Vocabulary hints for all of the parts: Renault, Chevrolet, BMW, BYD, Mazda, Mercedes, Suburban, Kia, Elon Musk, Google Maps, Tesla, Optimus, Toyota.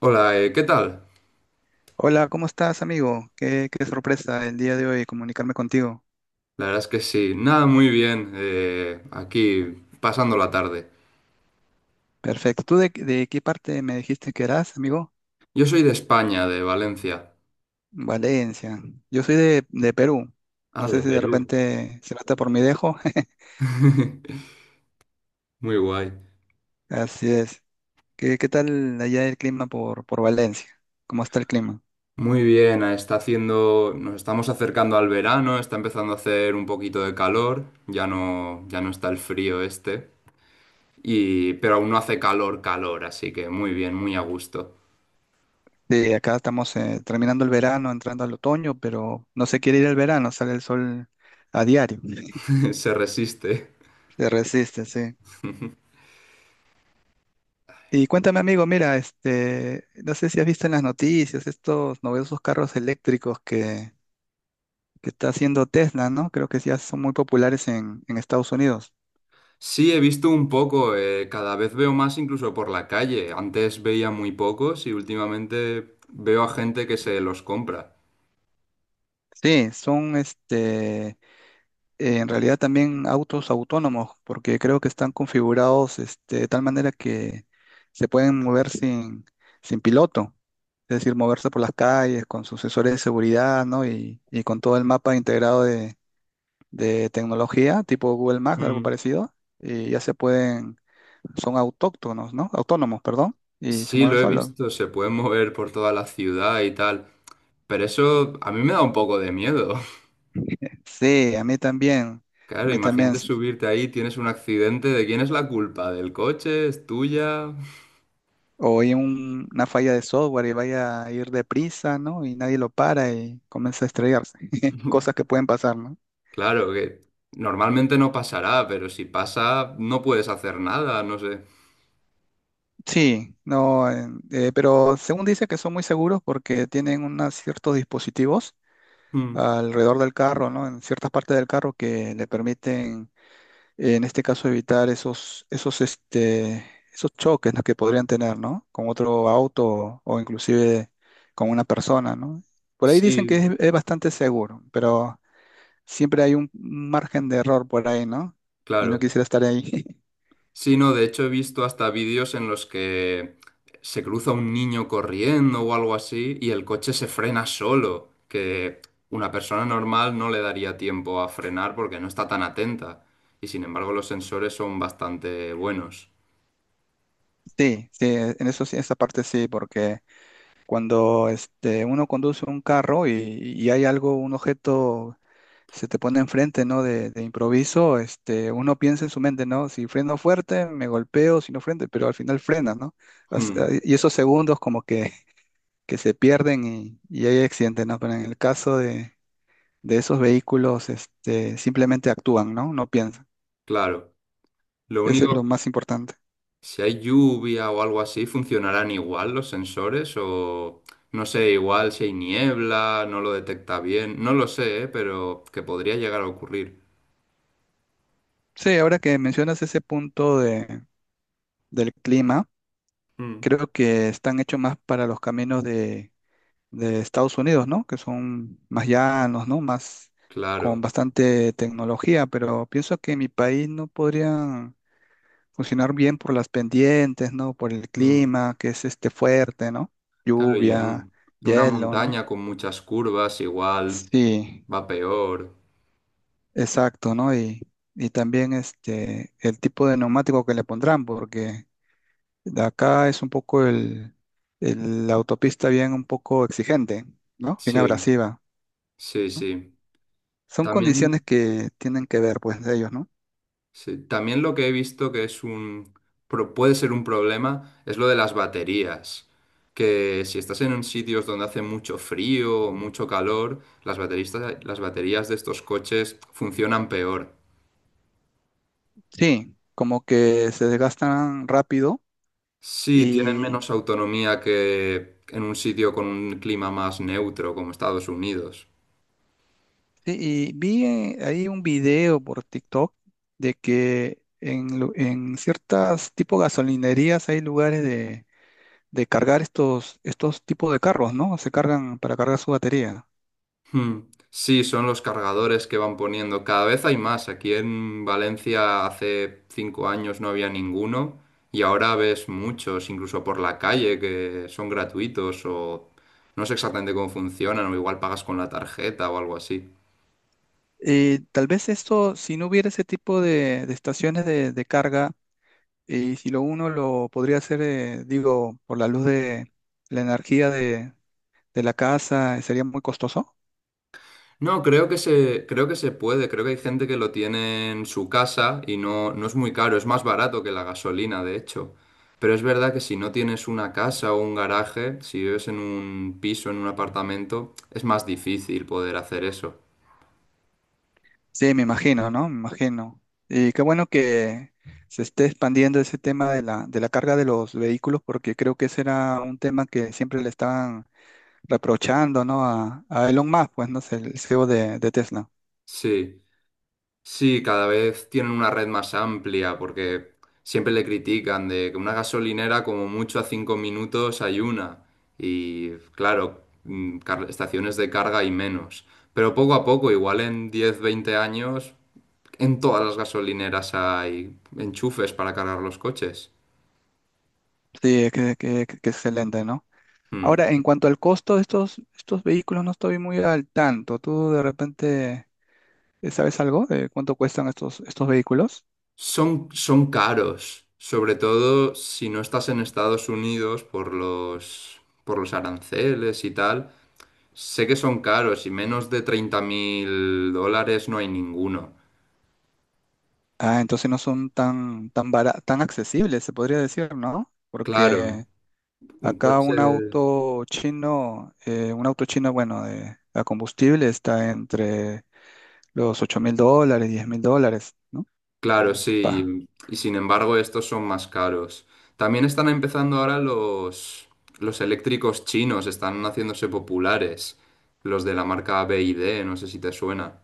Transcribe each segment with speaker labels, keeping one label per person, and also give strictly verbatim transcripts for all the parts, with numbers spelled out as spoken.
Speaker 1: Hola, eh, ¿qué tal?
Speaker 2: Hola, ¿cómo estás, amigo? Qué, qué sorpresa el día de hoy comunicarme contigo.
Speaker 1: La verdad es que sí, nada, muy bien, eh, aquí pasando la tarde.
Speaker 2: Perfecto. ¿Tú de, de qué parte me dijiste que eras, amigo?
Speaker 1: Yo soy de España, de Valencia.
Speaker 2: Valencia. Yo soy de, de Perú.
Speaker 1: Ah,
Speaker 2: No
Speaker 1: de
Speaker 2: sé si de
Speaker 1: Perú.
Speaker 2: repente se nota por mi dejo.
Speaker 1: Muy guay.
Speaker 2: Así es. ¿Qué, qué tal allá el clima por, por Valencia? ¿Cómo está el clima?
Speaker 1: Muy bien, ah, está haciendo, nos estamos acercando al verano, está empezando a hacer un poquito de calor, ya no, ya no está el frío este, y, pero aún no hace calor, calor, así que muy bien, muy a gusto.
Speaker 2: Sí, acá estamos eh, terminando el verano, entrando al otoño, pero no se quiere ir el verano, sale el sol a diario.
Speaker 1: Se resiste.
Speaker 2: Se resiste, sí. Y cuéntame, amigo, mira, este, no sé si has visto en las noticias estos novedosos carros eléctricos que, que está haciendo Tesla, ¿no? Creo que ya son muy populares en, en Estados Unidos.
Speaker 1: Sí, he visto un poco, eh, cada vez veo más incluso por la calle. Antes veía muy pocos y últimamente veo a gente que se los compra.
Speaker 2: Sí, son este, en realidad también autos autónomos, porque creo que están configurados este, de tal manera que se pueden mover sin, sin piloto, es decir, moverse por las calles con su sensores de seguridad, ¿no? Y, y con todo el mapa integrado de tecnología, tipo Google Maps, algo
Speaker 1: Mm.
Speaker 2: parecido, y ya se pueden, son autóctonos, ¿no? Autónomos, perdón, y se
Speaker 1: Sí,
Speaker 2: mueven
Speaker 1: lo he
Speaker 2: solos.
Speaker 1: visto, se pueden mover por toda la ciudad y tal, pero eso a mí me da un poco de miedo.
Speaker 2: Sí, a mí también, a
Speaker 1: Claro,
Speaker 2: mí también,
Speaker 1: imagínate
Speaker 2: s-
Speaker 1: subirte ahí, tienes un accidente, ¿de quién es la culpa? ¿Del coche? ¿Es tuya?
Speaker 2: o hay un- una falla de software y vaya a ir deprisa, ¿no? Y nadie lo para y comienza a estrellarse, cosas que pueden pasar, ¿no?
Speaker 1: Claro que normalmente no pasará, pero si pasa no puedes hacer nada, no sé.
Speaker 2: Sí, no, en- eh, pero según dice que son muy seguros porque tienen unos ciertos dispositivos
Speaker 1: Mm,
Speaker 2: alrededor del carro, ¿no? En ciertas partes del carro que le permiten en este caso evitar esos, esos, este, esos choques, ¿no? que podrían tener, ¿no? Con otro auto o inclusive con una persona, ¿no? Por ahí dicen que
Speaker 1: sí,
Speaker 2: es, es bastante seguro, pero siempre hay un margen de error por ahí, ¿no? Y no
Speaker 1: claro.
Speaker 2: quisiera estar ahí.
Speaker 1: Sí, no, de hecho he visto hasta vídeos en los que se cruza un niño corriendo o algo así y el coche se frena solo, que una persona normal no le daría tiempo a frenar porque no está tan atenta. Y sin embargo los sensores son bastante buenos.
Speaker 2: Sí, sí, en eso sí, esa parte sí, porque cuando este, uno conduce un carro y, y hay algo, un objeto se te pone enfrente, ¿no? De, de improviso, este, uno piensa en su mente, ¿no? Si freno fuerte, me golpeo, si no freno, pero al final frena, ¿no? As-
Speaker 1: Hmm,
Speaker 2: ah, Y esos segundos como que, que se pierden y, y hay accidentes, ¿no? Pero en el caso de, de esos vehículos, este, simplemente actúan, ¿no? No piensan.
Speaker 1: claro. Lo
Speaker 2: Eso es lo
Speaker 1: único,
Speaker 2: más importante.
Speaker 1: si hay lluvia o algo así, ¿funcionarán igual los sensores? O no sé, igual si hay niebla, no lo detecta bien. No lo sé, ¿eh? Pero que podría llegar a ocurrir.
Speaker 2: Sí, ahora que mencionas ese punto de, del clima,
Speaker 1: Mm,
Speaker 2: creo que están hechos más para los caminos de Estados Unidos, ¿no? Que son más llanos, ¿no? Más con
Speaker 1: claro.
Speaker 2: bastante tecnología, pero pienso que en mi país no podrían funcionar bien por las pendientes, ¿no? Por el
Speaker 1: Mm,
Speaker 2: clima, que es este fuerte, ¿no?
Speaker 1: claro, y en,
Speaker 2: Lluvia,
Speaker 1: un- en una
Speaker 2: hielo, ¿no?
Speaker 1: montaña con muchas curvas, igual
Speaker 2: Sí,
Speaker 1: va peor.
Speaker 2: exacto, ¿no? Y, y también este, el tipo de neumático que le pondrán, porque de acá es un poco el, el- la autopista bien un poco exigente, ¿no? Bien
Speaker 1: Sí,
Speaker 2: abrasiva.
Speaker 1: sí, sí.
Speaker 2: Son condiciones
Speaker 1: También,
Speaker 2: que tienen que ver, pues, de ellos, ¿no?
Speaker 1: sí, también lo que he visto que es un, pro- puede ser un problema es lo de las baterías. Que si estás en un sitios donde hace mucho frío o mucho calor, las bateristas, las baterías de estos coches funcionan peor.
Speaker 2: Sí, como que se desgastan rápido
Speaker 1: Sí, tienen
Speaker 2: y,
Speaker 1: menos autonomía que en un sitio con un clima más neutro como Estados Unidos.
Speaker 2: sí, y vi eh, ahí un video por TikTok de que en, lu- en ciertas tipo gasolinerías hay lugares de, de cargar estos, estos tipos de carros, ¿no? Se cargan para cargar su batería.
Speaker 1: Hmm. Sí, son los cargadores que van poniendo. Cada vez hay más. Aquí en Valencia hace cinco años no había ninguno y ahora ves muchos, incluso por la calle, que son gratuitos o no sé exactamente cómo funcionan o igual pagas con la tarjeta o algo así.
Speaker 2: Eh, tal vez esto, si no hubiera ese tipo de, de estaciones de, de carga, y si lo uno lo podría hacer, eh, digo, por la luz de la energía de de la casa, sería muy costoso.
Speaker 1: No, creo que se, creo que se puede, creo que hay gente que lo tiene en su casa y no, no es muy caro, es más barato que la gasolina, de hecho. Pero es verdad que si no tienes una casa o un garaje, si vives en un piso, en un apartamento, es más difícil poder hacer eso.
Speaker 2: Sí, me imagino, ¿no? Me imagino. Y qué bueno que se esté expandiendo ese tema de la, de la carga de los vehículos, porque creo que ese era un tema que siempre le estaban reprochando, ¿no? A, a Elon Musk, pues, ¿no? Es el C E O de, de Tesla.
Speaker 1: Sí. Sí, cada vez tienen una red más amplia porque siempre le critican de que una gasolinera como mucho a cinco minutos hay una y claro, mm, car- estaciones de carga hay menos. Pero poco a poco, igual en diez, veinte años, en todas las gasolineras hay enchufes para cargar los coches.
Speaker 2: Sí, que, que- que excelente, ¿no?
Speaker 1: Mm.
Speaker 2: Ahora, en cuanto al costo de estos, estos vehículos, no estoy muy al tanto. ¿Tú de repente eh, sabes algo de cuánto cuestan estos, estos vehículos?
Speaker 1: Son, son caros, sobre todo si no estás en Estados Unidos por los, por los aranceles y tal. Sé que son caros y menos de treinta mil dólares no hay ninguno.
Speaker 2: Ah, entonces no son tan, tan bara- tan accesibles, se podría decir, ¿no?
Speaker 1: Claro,
Speaker 2: Porque
Speaker 1: un
Speaker 2: acá
Speaker 1: coche,
Speaker 2: un auto chino, eh, un auto chino, bueno, de, a combustible está entre los ocho mil dólares, diez mil dólares, ¿no?
Speaker 1: claro,
Speaker 2: Mm, pa.
Speaker 1: sí. Y sin embargo, estos son más caros. También están empezando ahora los, los eléctricos chinos, están haciéndose populares. Los de la marca B Y D, no sé si te suena.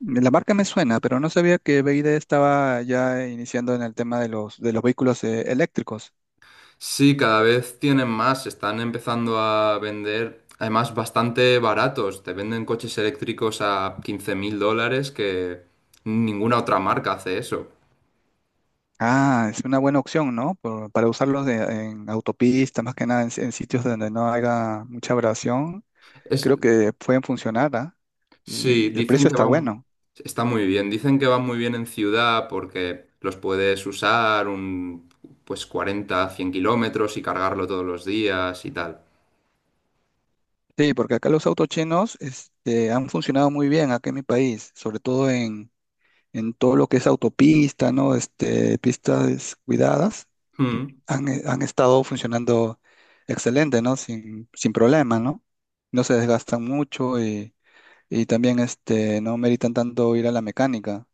Speaker 2: La marca me suena, pero no sabía que B Y D estaba ya iniciando en el tema de los, de los vehículos, eh, eléctricos.
Speaker 1: Sí, cada vez tienen más, están empezando a vender, además bastante baratos. Te venden coches eléctricos a quince mil dólares que ninguna otra marca hace eso.
Speaker 2: Ah, es una buena opción, ¿no? Por- para usarlos de- en autopistas, más que nada en, en sitios donde no haya mucha abrasión
Speaker 1: Es,
Speaker 2: creo que pueden funcionar, ¿ah?
Speaker 1: sí,
Speaker 2: Y el
Speaker 1: dicen
Speaker 2: precio
Speaker 1: que
Speaker 2: está
Speaker 1: van,
Speaker 2: bueno.
Speaker 1: está muy bien, dicen que van muy bien en ciudad porque los puedes usar un, pues cuarenta, cien kilómetros y cargarlo todos los días y tal.
Speaker 2: Sí, porque acá los autos chinos este, han funcionado muy bien acá en mi país, sobre todo en, en todo lo que es autopista, ¿no? Este, pistas cuidadas,
Speaker 1: Mm,
Speaker 2: han, eh, han estado funcionando excelente, ¿no? Sin, sin problema, ¿no? No se desgastan mucho y, y también este, no meritan tanto ir a la mecánica.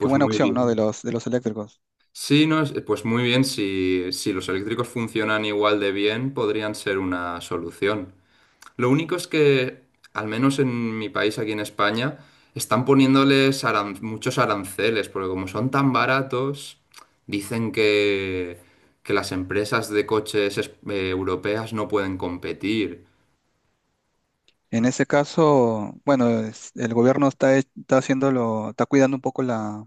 Speaker 2: Qué buena
Speaker 1: muy
Speaker 2: opción, ¿no? De
Speaker 1: bien.
Speaker 2: los, de los eléctricos.
Speaker 1: Sí, no, es- pues muy bien, si, si los eléctricos funcionan igual de bien, podrían ser una solución. Lo único es que, al menos en mi país, aquí en España, están poniéndoles aran- muchos aranceles, porque como son tan baratos, dicen que, que las empresas de coches es- eh, europeas no pueden competir.
Speaker 2: En ese caso, bueno, es- el gobierno está, he- está haciéndolo, está cuidando un poco la,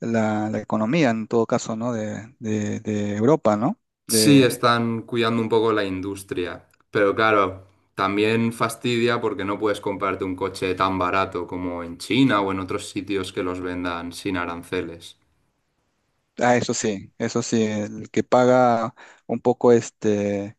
Speaker 2: la, la economía en todo caso, ¿no? De, de, de Europa, ¿no?
Speaker 1: Sí,
Speaker 2: De,
Speaker 1: están cuidando un poco la industria, pero claro, también fastidia porque no puedes comprarte un coche tan barato como en China o en otros sitios que los vendan sin aranceles.
Speaker 2: ah, eso sí, eso sí, el que paga un poco este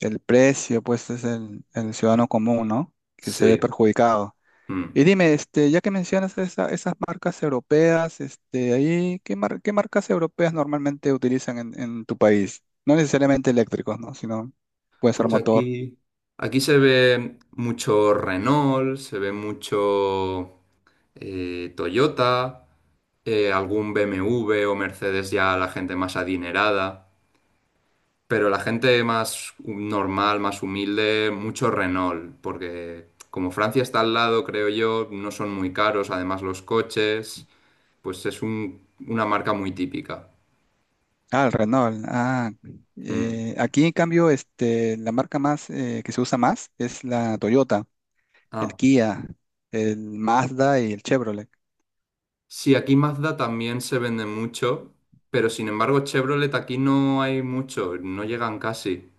Speaker 2: el precio, pues es el, el ciudadano común, ¿no? Que se ve
Speaker 1: Sí.
Speaker 2: perjudicado.
Speaker 1: Mm.
Speaker 2: Y dime, este, ya que mencionas esa- esas marcas europeas, este, ahí, ¿qué mar- qué marcas europeas normalmente utilizan en, en tu país? No necesariamente eléctricos, ¿no? Sino puede ser
Speaker 1: Pues
Speaker 2: motor.
Speaker 1: aquí, aquí se ve mucho Renault, se ve mucho eh, Toyota, eh, algún B M W o Mercedes ya la gente más adinerada, pero la gente más normal, más humilde, mucho Renault, porque como Francia está al lado, creo yo, no son muy caros, además los coches, pues es un- una marca muy típica.
Speaker 2: Ah, el Renault. Ah,
Speaker 1: Mm.
Speaker 2: eh, aquí en cambio, este, la marca más eh, que se usa más es la Toyota, el
Speaker 1: Ah,
Speaker 2: Kia, el Mazda y el Chevrolet.
Speaker 1: sí, aquí Mazda también se vende mucho, pero sin embargo Chevrolet aquí no hay mucho, no llegan casi.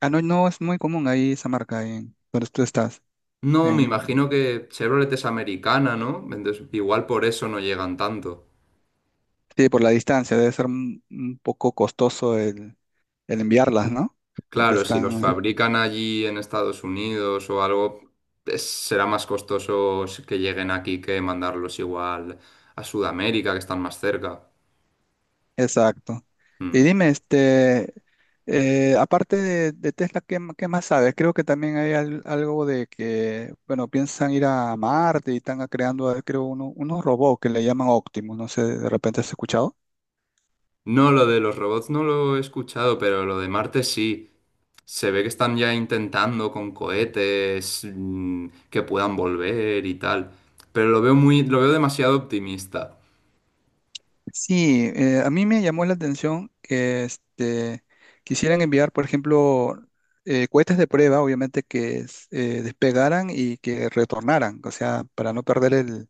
Speaker 2: Ah, no, no es muy común ahí esa marca ahí en donde tú estás.
Speaker 1: No, me
Speaker 2: En,
Speaker 1: imagino que Chevrolet es americana, ¿no? Entonces, igual por eso no llegan tanto.
Speaker 2: sí, por la distancia debe ser un un poco costoso el el enviarlas, ¿no? Porque
Speaker 1: Claro, si los
Speaker 2: están,
Speaker 1: fabrican allí en Estados Unidos o algo, es- será más costoso que lleguen aquí que mandarlos igual a Sudamérica, que están más cerca.
Speaker 2: exacto. Y
Speaker 1: Mm.
Speaker 2: dime, este, eh, aparte de, de Tesla, ¿qué, m- qué más sabes? Creo que también hay al- algo de que, bueno, piensan ir a Marte y están creando, eh, creo, uno- unos robots que le llaman Optimus, no sé, ¿de repente has escuchado?
Speaker 1: No, lo de los robots no lo he escuchado, pero lo de Marte sí. Se ve que están ya intentando con cohetes mm, que puedan volver y tal. Pero lo veo muy, lo veo demasiado optimista.
Speaker 2: Sí, eh, a mí me llamó la atención que este, quisieran enviar, por ejemplo, eh, cohetes de prueba, obviamente que es- eh, despegaran y que retornaran, o sea, para no perder el,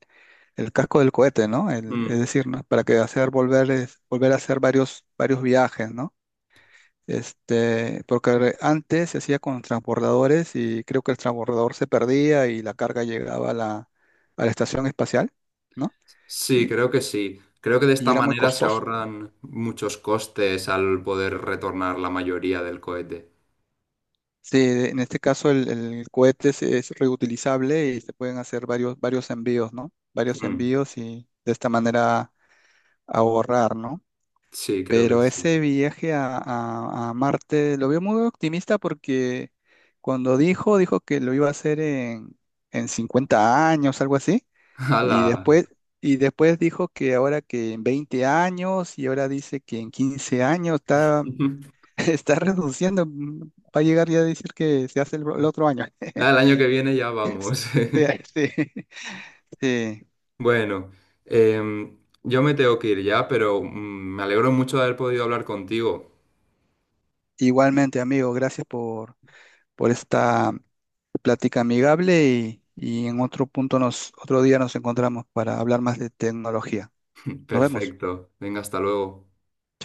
Speaker 2: el casco del cohete, ¿no? El-
Speaker 1: Mm,
Speaker 2: es decir, ¿no? Para que hacer volver, es- volver a hacer varios, varios viajes, ¿no? Este, porque re- antes se hacía con transbordadores y creo que el transbordador se perdía y la carga llegaba a la, a la estación espacial, ¿no?
Speaker 1: sí,
Speaker 2: Y,
Speaker 1: creo que sí. Creo que de
Speaker 2: y
Speaker 1: esta
Speaker 2: era muy
Speaker 1: manera se
Speaker 2: costoso.
Speaker 1: ahorran muchos costes al poder retornar la mayoría del cohete.
Speaker 2: Sí, de- en este caso el, el cohete es, es reutilizable y se pueden hacer varios, varios envíos, ¿no? Varios
Speaker 1: Mm,
Speaker 2: envíos y de esta manera ahorrar, ¿no?
Speaker 1: sí, creo que
Speaker 2: Pero ese
Speaker 1: sí.
Speaker 2: viaje a, a- a Marte lo veo muy optimista porque cuando dijo, dijo que lo iba a hacer en, en cincuenta años, algo así, y
Speaker 1: ¡Hala!
Speaker 2: después, y después dijo que ahora que en veinte años y ahora dice que en quince años, está Está renunciando, mm, va a llegar ya a decir que se hace el, el otro año.
Speaker 1: Ya, el año que viene ya vamos.
Speaker 2: Sí, sí, sí.
Speaker 1: Bueno, em, yo me tengo que ir ya, pero mm, me alegro mucho de haber podido hablar contigo.
Speaker 2: Igualmente, amigo, gracias por, por esta plática amigable y, y en otro punto nos, otro día nos encontramos para hablar más de tecnología. Nos vemos.
Speaker 1: Perfecto. Venga, hasta luego.
Speaker 2: Chao.